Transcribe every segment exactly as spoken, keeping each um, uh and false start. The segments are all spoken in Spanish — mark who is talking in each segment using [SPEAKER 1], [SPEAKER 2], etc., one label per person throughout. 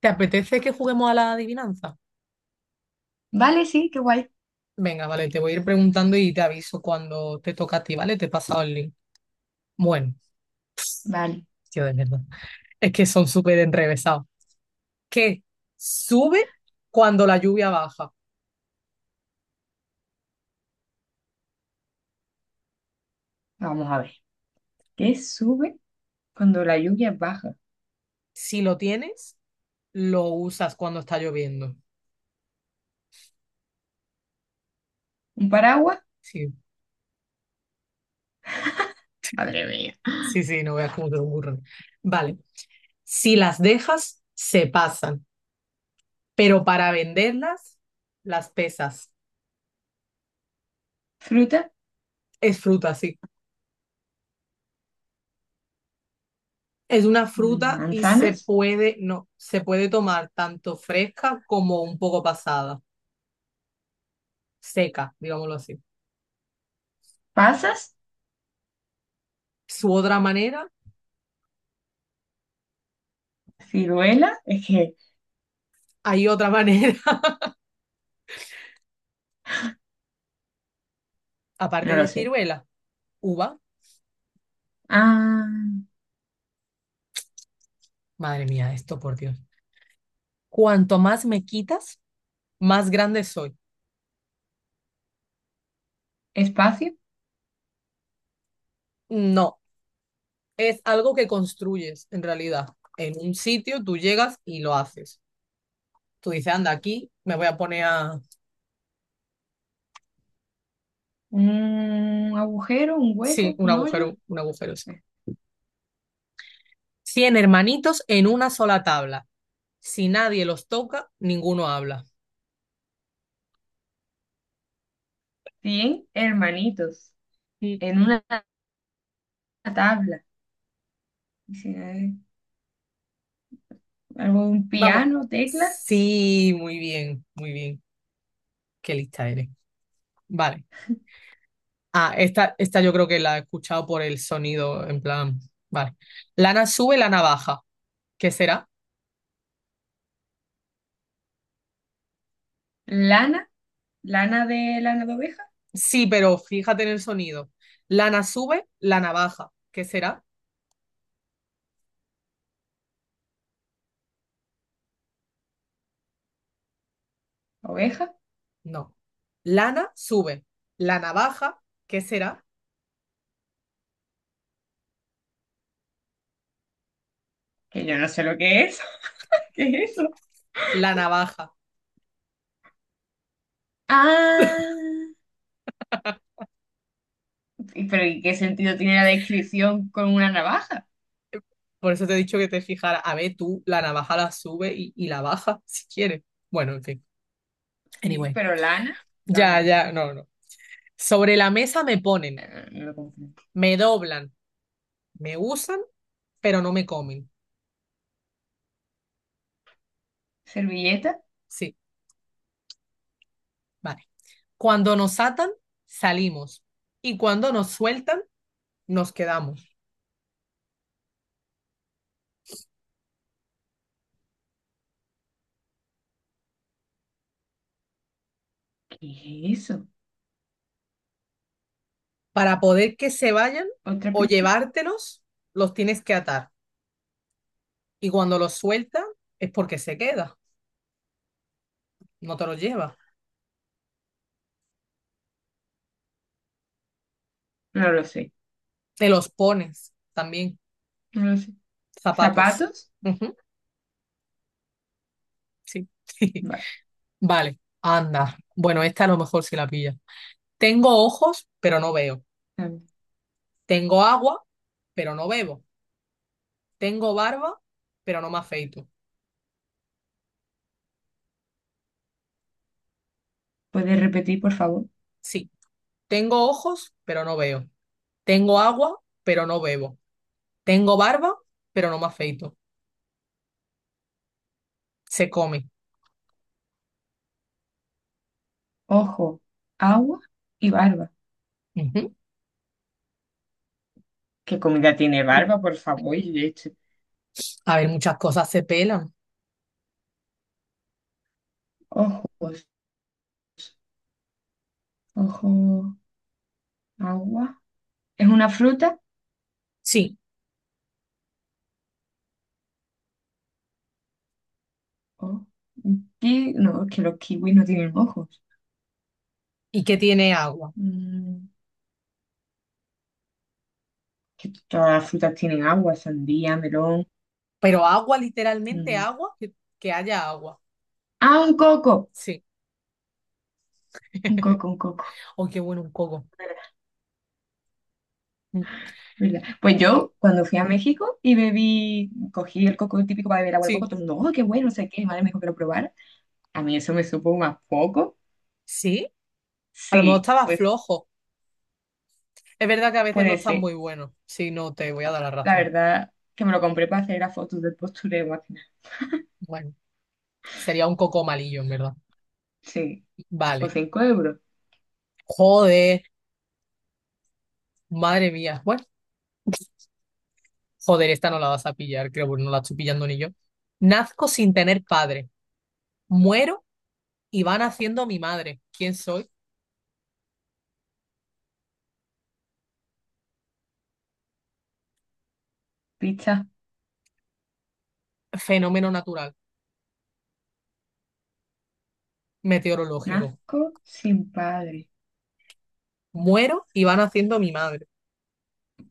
[SPEAKER 1] ¿Te apetece que juguemos a la adivinanza?
[SPEAKER 2] Vale, sí, qué guay.
[SPEAKER 1] Venga, vale, te voy a ir preguntando y te aviso cuando te toca a ti, ¿vale? Te he pasado el link. Bueno,
[SPEAKER 2] Vale,
[SPEAKER 1] tío, de verdad. Es que son súper enrevesados. ¿Qué sube cuando la lluvia baja?
[SPEAKER 2] vamos a ver. ¿Qué sube cuando la lluvia baja?
[SPEAKER 1] Si lo tienes, lo usas cuando está lloviendo.
[SPEAKER 2] ¿Un paraguas?
[SPEAKER 1] Sí,
[SPEAKER 2] Madre mía.
[SPEAKER 1] sí, sí, no veas cómo te lo ocurren. Vale. Si las dejas, se pasan, pero para venderlas, las pesas.
[SPEAKER 2] ¿Fruta?
[SPEAKER 1] Es fruta, sí. Es una
[SPEAKER 2] Mm,
[SPEAKER 1] fruta y se
[SPEAKER 2] ¿Manzanas?
[SPEAKER 1] puede, no, se puede tomar tanto fresca como un poco pasada, seca, digámoslo así.
[SPEAKER 2] ¿Pasas?
[SPEAKER 1] Su otra manera,
[SPEAKER 2] ¿Ciruela? Es que
[SPEAKER 1] hay otra manera, aparte
[SPEAKER 2] no lo
[SPEAKER 1] de
[SPEAKER 2] sé.
[SPEAKER 1] ciruela, uva.
[SPEAKER 2] Ah,
[SPEAKER 1] Madre mía, esto por Dios. Cuanto más me quitas, más grande soy.
[SPEAKER 2] ¿espacio?
[SPEAKER 1] No, es algo que construyes en realidad. En un sitio tú llegas y lo haces. Tú dices, anda, aquí me voy a poner a...
[SPEAKER 2] ¿Un agujero? ¿Un
[SPEAKER 1] Sí,
[SPEAKER 2] hueco?
[SPEAKER 1] un
[SPEAKER 2] ¿Un hoyo?
[SPEAKER 1] agujero, un agujero, sí.
[SPEAKER 2] Eh,
[SPEAKER 1] cien hermanitos en una sola tabla. Si nadie los toca, ninguno habla.
[SPEAKER 2] Cien hermanitos
[SPEAKER 1] Mm.
[SPEAKER 2] en una tabla. Dice, eh, algo de un
[SPEAKER 1] Vamos.
[SPEAKER 2] piano, teclas,
[SPEAKER 1] Sí, muy bien, muy bien. Qué lista eres. Vale. Ah, esta, esta yo creo que la he escuchado por el sonido, en plan. Vale. Lana sube, lana baja. ¿Qué será?
[SPEAKER 2] lana, lana de lana de oveja,
[SPEAKER 1] Sí, pero fíjate en el sonido. Lana sube, lana baja. ¿Qué será?
[SPEAKER 2] oveja,
[SPEAKER 1] No. Lana sube, la navaja. ¿Qué será?
[SPEAKER 2] que yo no sé lo que es. ¿Qué es eso?
[SPEAKER 1] La navaja.
[SPEAKER 2] Ah, y- pero ¿y qué sentido tiene la descripción con una navaja?
[SPEAKER 1] Por eso te he dicho que te fijaras. A ver, tú la navaja la sube y, y la baja si quieres. Bueno, en fin.
[SPEAKER 2] Sí,
[SPEAKER 1] Anyway.
[SPEAKER 2] pero lana,
[SPEAKER 1] Ya,
[SPEAKER 2] lana,
[SPEAKER 1] ya, no, no. Sobre la mesa me ponen,
[SPEAKER 2] eh, no lo comprendo.
[SPEAKER 1] me doblan, me usan, pero no me comen.
[SPEAKER 2] ¿Servilleta?
[SPEAKER 1] Sí, vale. Cuando nos atan, salimos. Y cuando nos sueltan, nos quedamos.
[SPEAKER 2] ¿Qué es eso?
[SPEAKER 1] Para poder que se vayan
[SPEAKER 2] ¿Otra
[SPEAKER 1] o
[SPEAKER 2] pista?
[SPEAKER 1] llevártelos, los tienes que atar. Y cuando los sueltan, es porque se queda. No te los lleva.
[SPEAKER 2] No lo sé,
[SPEAKER 1] Te los pones también,
[SPEAKER 2] no lo sé.
[SPEAKER 1] zapatos.
[SPEAKER 2] ¿Zapatos?
[SPEAKER 1] Ujú. Sí.
[SPEAKER 2] Vale,
[SPEAKER 1] Vale, anda. Bueno, esta a lo mejor si la pilla. Tengo ojos, pero no veo.
[SPEAKER 2] a ver.
[SPEAKER 1] Tengo agua, pero no bebo. Tengo barba, pero no me afeito.
[SPEAKER 2] ¿Puedes repetir, por favor?
[SPEAKER 1] Sí. Tengo ojos, pero no veo. Tengo agua, pero no bebo. Tengo barba, pero no me afeito. Se come.
[SPEAKER 2] Ojo, agua y barba.
[SPEAKER 1] Ujú.
[SPEAKER 2] ¿Qué comida tiene barba, por favor? Y leche.
[SPEAKER 1] A ver, muchas cosas se pelan.
[SPEAKER 2] Ojos, ojo, agua. ¿Es una fruta?
[SPEAKER 1] Sí.
[SPEAKER 2] Oh, un ki- no, es que los kiwis no tienen ojos.
[SPEAKER 1] ¿Y que tiene agua?
[SPEAKER 2] Mm. Que todas las frutas tienen agua, sandía, melón.
[SPEAKER 1] Pero agua, literalmente
[SPEAKER 2] Mm.
[SPEAKER 1] agua, que, que haya agua.
[SPEAKER 2] Ah, un coco,
[SPEAKER 1] Sí.
[SPEAKER 2] un coco, un coco.
[SPEAKER 1] Oh, qué bueno un coco. Mm.
[SPEAKER 2] ¿Verdad? Pues yo, cuando fui a México y bebí, cogí el coco típico para beber agua de
[SPEAKER 1] Sí.
[SPEAKER 2] coco, todo el mundo, oh, qué bueno, no sé qué, mi madre me dijo que lo probara. A mí eso me supo más poco.
[SPEAKER 1] Sí, a lo mejor
[SPEAKER 2] Sí,
[SPEAKER 1] estaba
[SPEAKER 2] pues
[SPEAKER 1] flojo. Es verdad que a veces no
[SPEAKER 2] puede
[SPEAKER 1] están
[SPEAKER 2] ser.
[SPEAKER 1] muy buenos. Sí, no, te voy a dar la
[SPEAKER 2] La
[SPEAKER 1] razón.
[SPEAKER 2] verdad que me lo compré para hacer las fotos del postureo, más que nada.
[SPEAKER 1] Bueno, sería un coco malillo, en verdad.
[SPEAKER 2] Sí, por
[SPEAKER 1] Vale.
[SPEAKER 2] cinco euros.
[SPEAKER 1] Joder, madre mía. Bueno, joder, esta no la vas a pillar, creo, porque no la estoy pillando ni yo. Nazco sin tener padre. Muero y va naciendo mi madre. ¿Quién soy?
[SPEAKER 2] Pizza,
[SPEAKER 1] Fenómeno natural, meteorológico.
[SPEAKER 2] nazco sin padre.
[SPEAKER 1] Muero y va naciendo mi madre.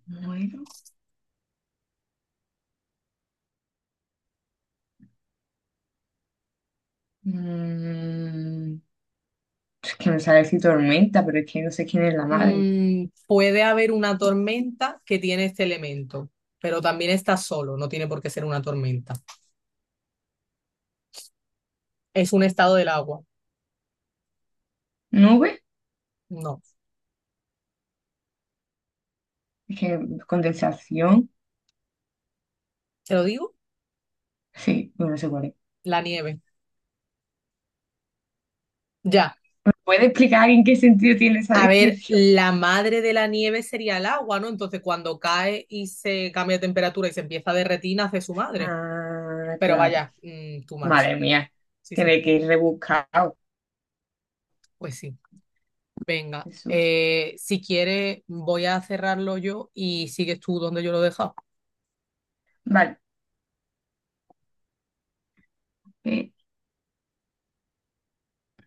[SPEAKER 2] Muero. Mm, Es que me sale así tormenta, pero es que no sé quién es la madre.
[SPEAKER 1] Mm, puede haber una tormenta que tiene este elemento, pero también está solo, no tiene por qué ser una tormenta. Es un estado del agua.
[SPEAKER 2] ¿Nube?
[SPEAKER 1] No,
[SPEAKER 2] Es que condensación.
[SPEAKER 1] ¿te lo digo?
[SPEAKER 2] Sí, bueno, no sé cuál es.
[SPEAKER 1] La nieve. Ya.
[SPEAKER 2] ¿Puede explicar en qué sentido tiene esa
[SPEAKER 1] A ver,
[SPEAKER 2] descripción?
[SPEAKER 1] la madre de la nieve sería el agua, ¿no? Entonces cuando cae y se cambia de temperatura y se empieza a derretir, nace su madre.
[SPEAKER 2] Ah,
[SPEAKER 1] Pero
[SPEAKER 2] claro.
[SPEAKER 1] vaya, mm, too much.
[SPEAKER 2] Madre mía,
[SPEAKER 1] Sí, sí,
[SPEAKER 2] tiene que ir rebuscado.
[SPEAKER 1] pues sí. Venga,
[SPEAKER 2] Jesús.
[SPEAKER 1] eh, si quieres voy a cerrarlo yo y sigues tú donde yo lo he dejado.
[SPEAKER 2] Vale. Eh,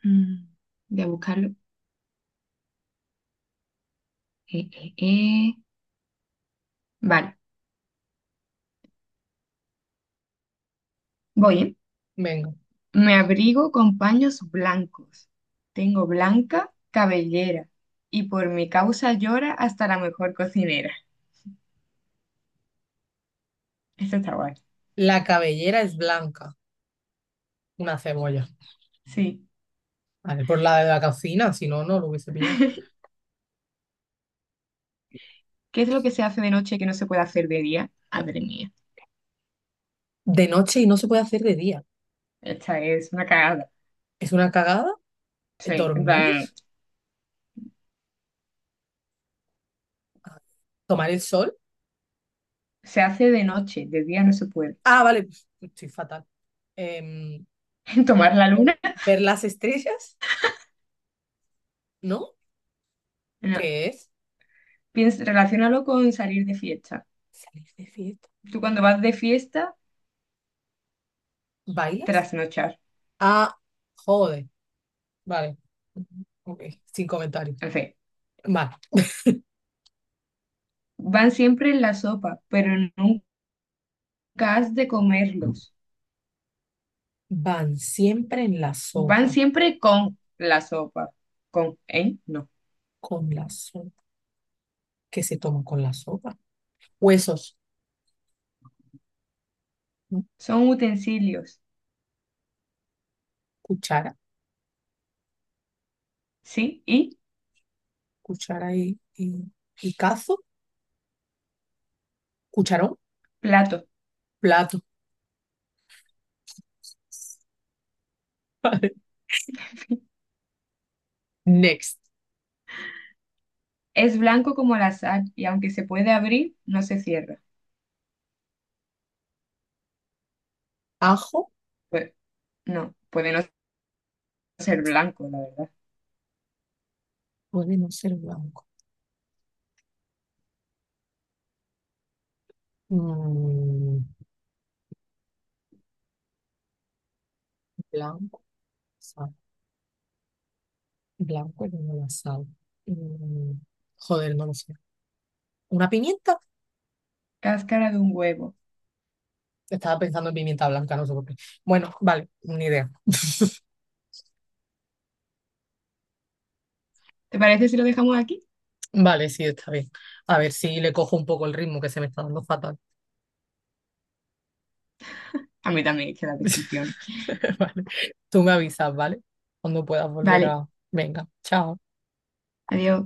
[SPEAKER 2] mm, voy a buscarlo. Eh, eh, eh. Vale, voy, ¿eh?
[SPEAKER 1] Venga.
[SPEAKER 2] Me abrigo con paños blancos. Tengo blanca cabellera. Y por mi causa llora hasta la mejor cocinera. Esto está guay.
[SPEAKER 1] La cabellera es blanca. Una cebolla,
[SPEAKER 2] Sí.
[SPEAKER 1] ¿vale? Por la de la cocina, si no, no lo hubiese pillado.
[SPEAKER 2] ¿Qué es lo que se hace de noche que no se puede hacer de día? Madre mía,
[SPEAKER 1] De noche y no se puede hacer de día.
[SPEAKER 2] esta es una cagada.
[SPEAKER 1] Es una cagada. eh,
[SPEAKER 2] Sí, en
[SPEAKER 1] Dormir,
[SPEAKER 2] plan,
[SPEAKER 1] ah, tomar el sol.
[SPEAKER 2] se hace de noche, de día no se puede.
[SPEAKER 1] Ah, vale, estoy fatal. Em,
[SPEAKER 2] ¿Tomar la luna?
[SPEAKER 1] ver las estrellas, ¿no?
[SPEAKER 2] No.
[SPEAKER 1] ¿Qué es?
[SPEAKER 2] Piensa, relaciónalo con salir de fiesta.
[SPEAKER 1] Salir de fiesta.
[SPEAKER 2] Tú cuando vas de fiesta,
[SPEAKER 1] ¿Bailas?
[SPEAKER 2] trasnochar.
[SPEAKER 1] Ah, joder. Vale. Ok, sin comentarios.
[SPEAKER 2] En fin,
[SPEAKER 1] Vale.
[SPEAKER 2] van siempre en la sopa, pero nunca has de comerlos.
[SPEAKER 1] Van siempre en la
[SPEAKER 2] Van
[SPEAKER 1] sopa,
[SPEAKER 2] siempre con la sopa. Con, ¿eh? No.
[SPEAKER 1] con la sopa. ¿Qué se toma con la sopa? Huesos, ¿no?
[SPEAKER 2] Son utensilios,
[SPEAKER 1] Cuchara.
[SPEAKER 2] ¿sí? Y
[SPEAKER 1] Cuchara y, y, y cazo, cucharón,
[SPEAKER 2] platos.
[SPEAKER 1] plato. Vale. Next.
[SPEAKER 2] Es blanco como la sal y aunque se puede abrir, no se cierra.
[SPEAKER 1] Ajo
[SPEAKER 2] Pues no, puede no ser blanco, la verdad.
[SPEAKER 1] puede no ser blanco. Mm, blanco, sal. Blanco es la sal. Mm, joder, no lo sé. ¿Una pimienta?
[SPEAKER 2] Cáscara de un huevo.
[SPEAKER 1] Estaba pensando en pimienta blanca, no sé por qué. Bueno, vale, ni idea.
[SPEAKER 2] ¿Te parece si lo dejamos aquí?
[SPEAKER 1] Vale, sí, está bien. A ver si le cojo un poco el ritmo que se me está dando fatal.
[SPEAKER 2] A mí también, es que las descripciones.
[SPEAKER 1] Vale. Tú me avisas, ¿vale? Cuando puedas volver
[SPEAKER 2] Vale,
[SPEAKER 1] a... Venga, chao.
[SPEAKER 2] adiós.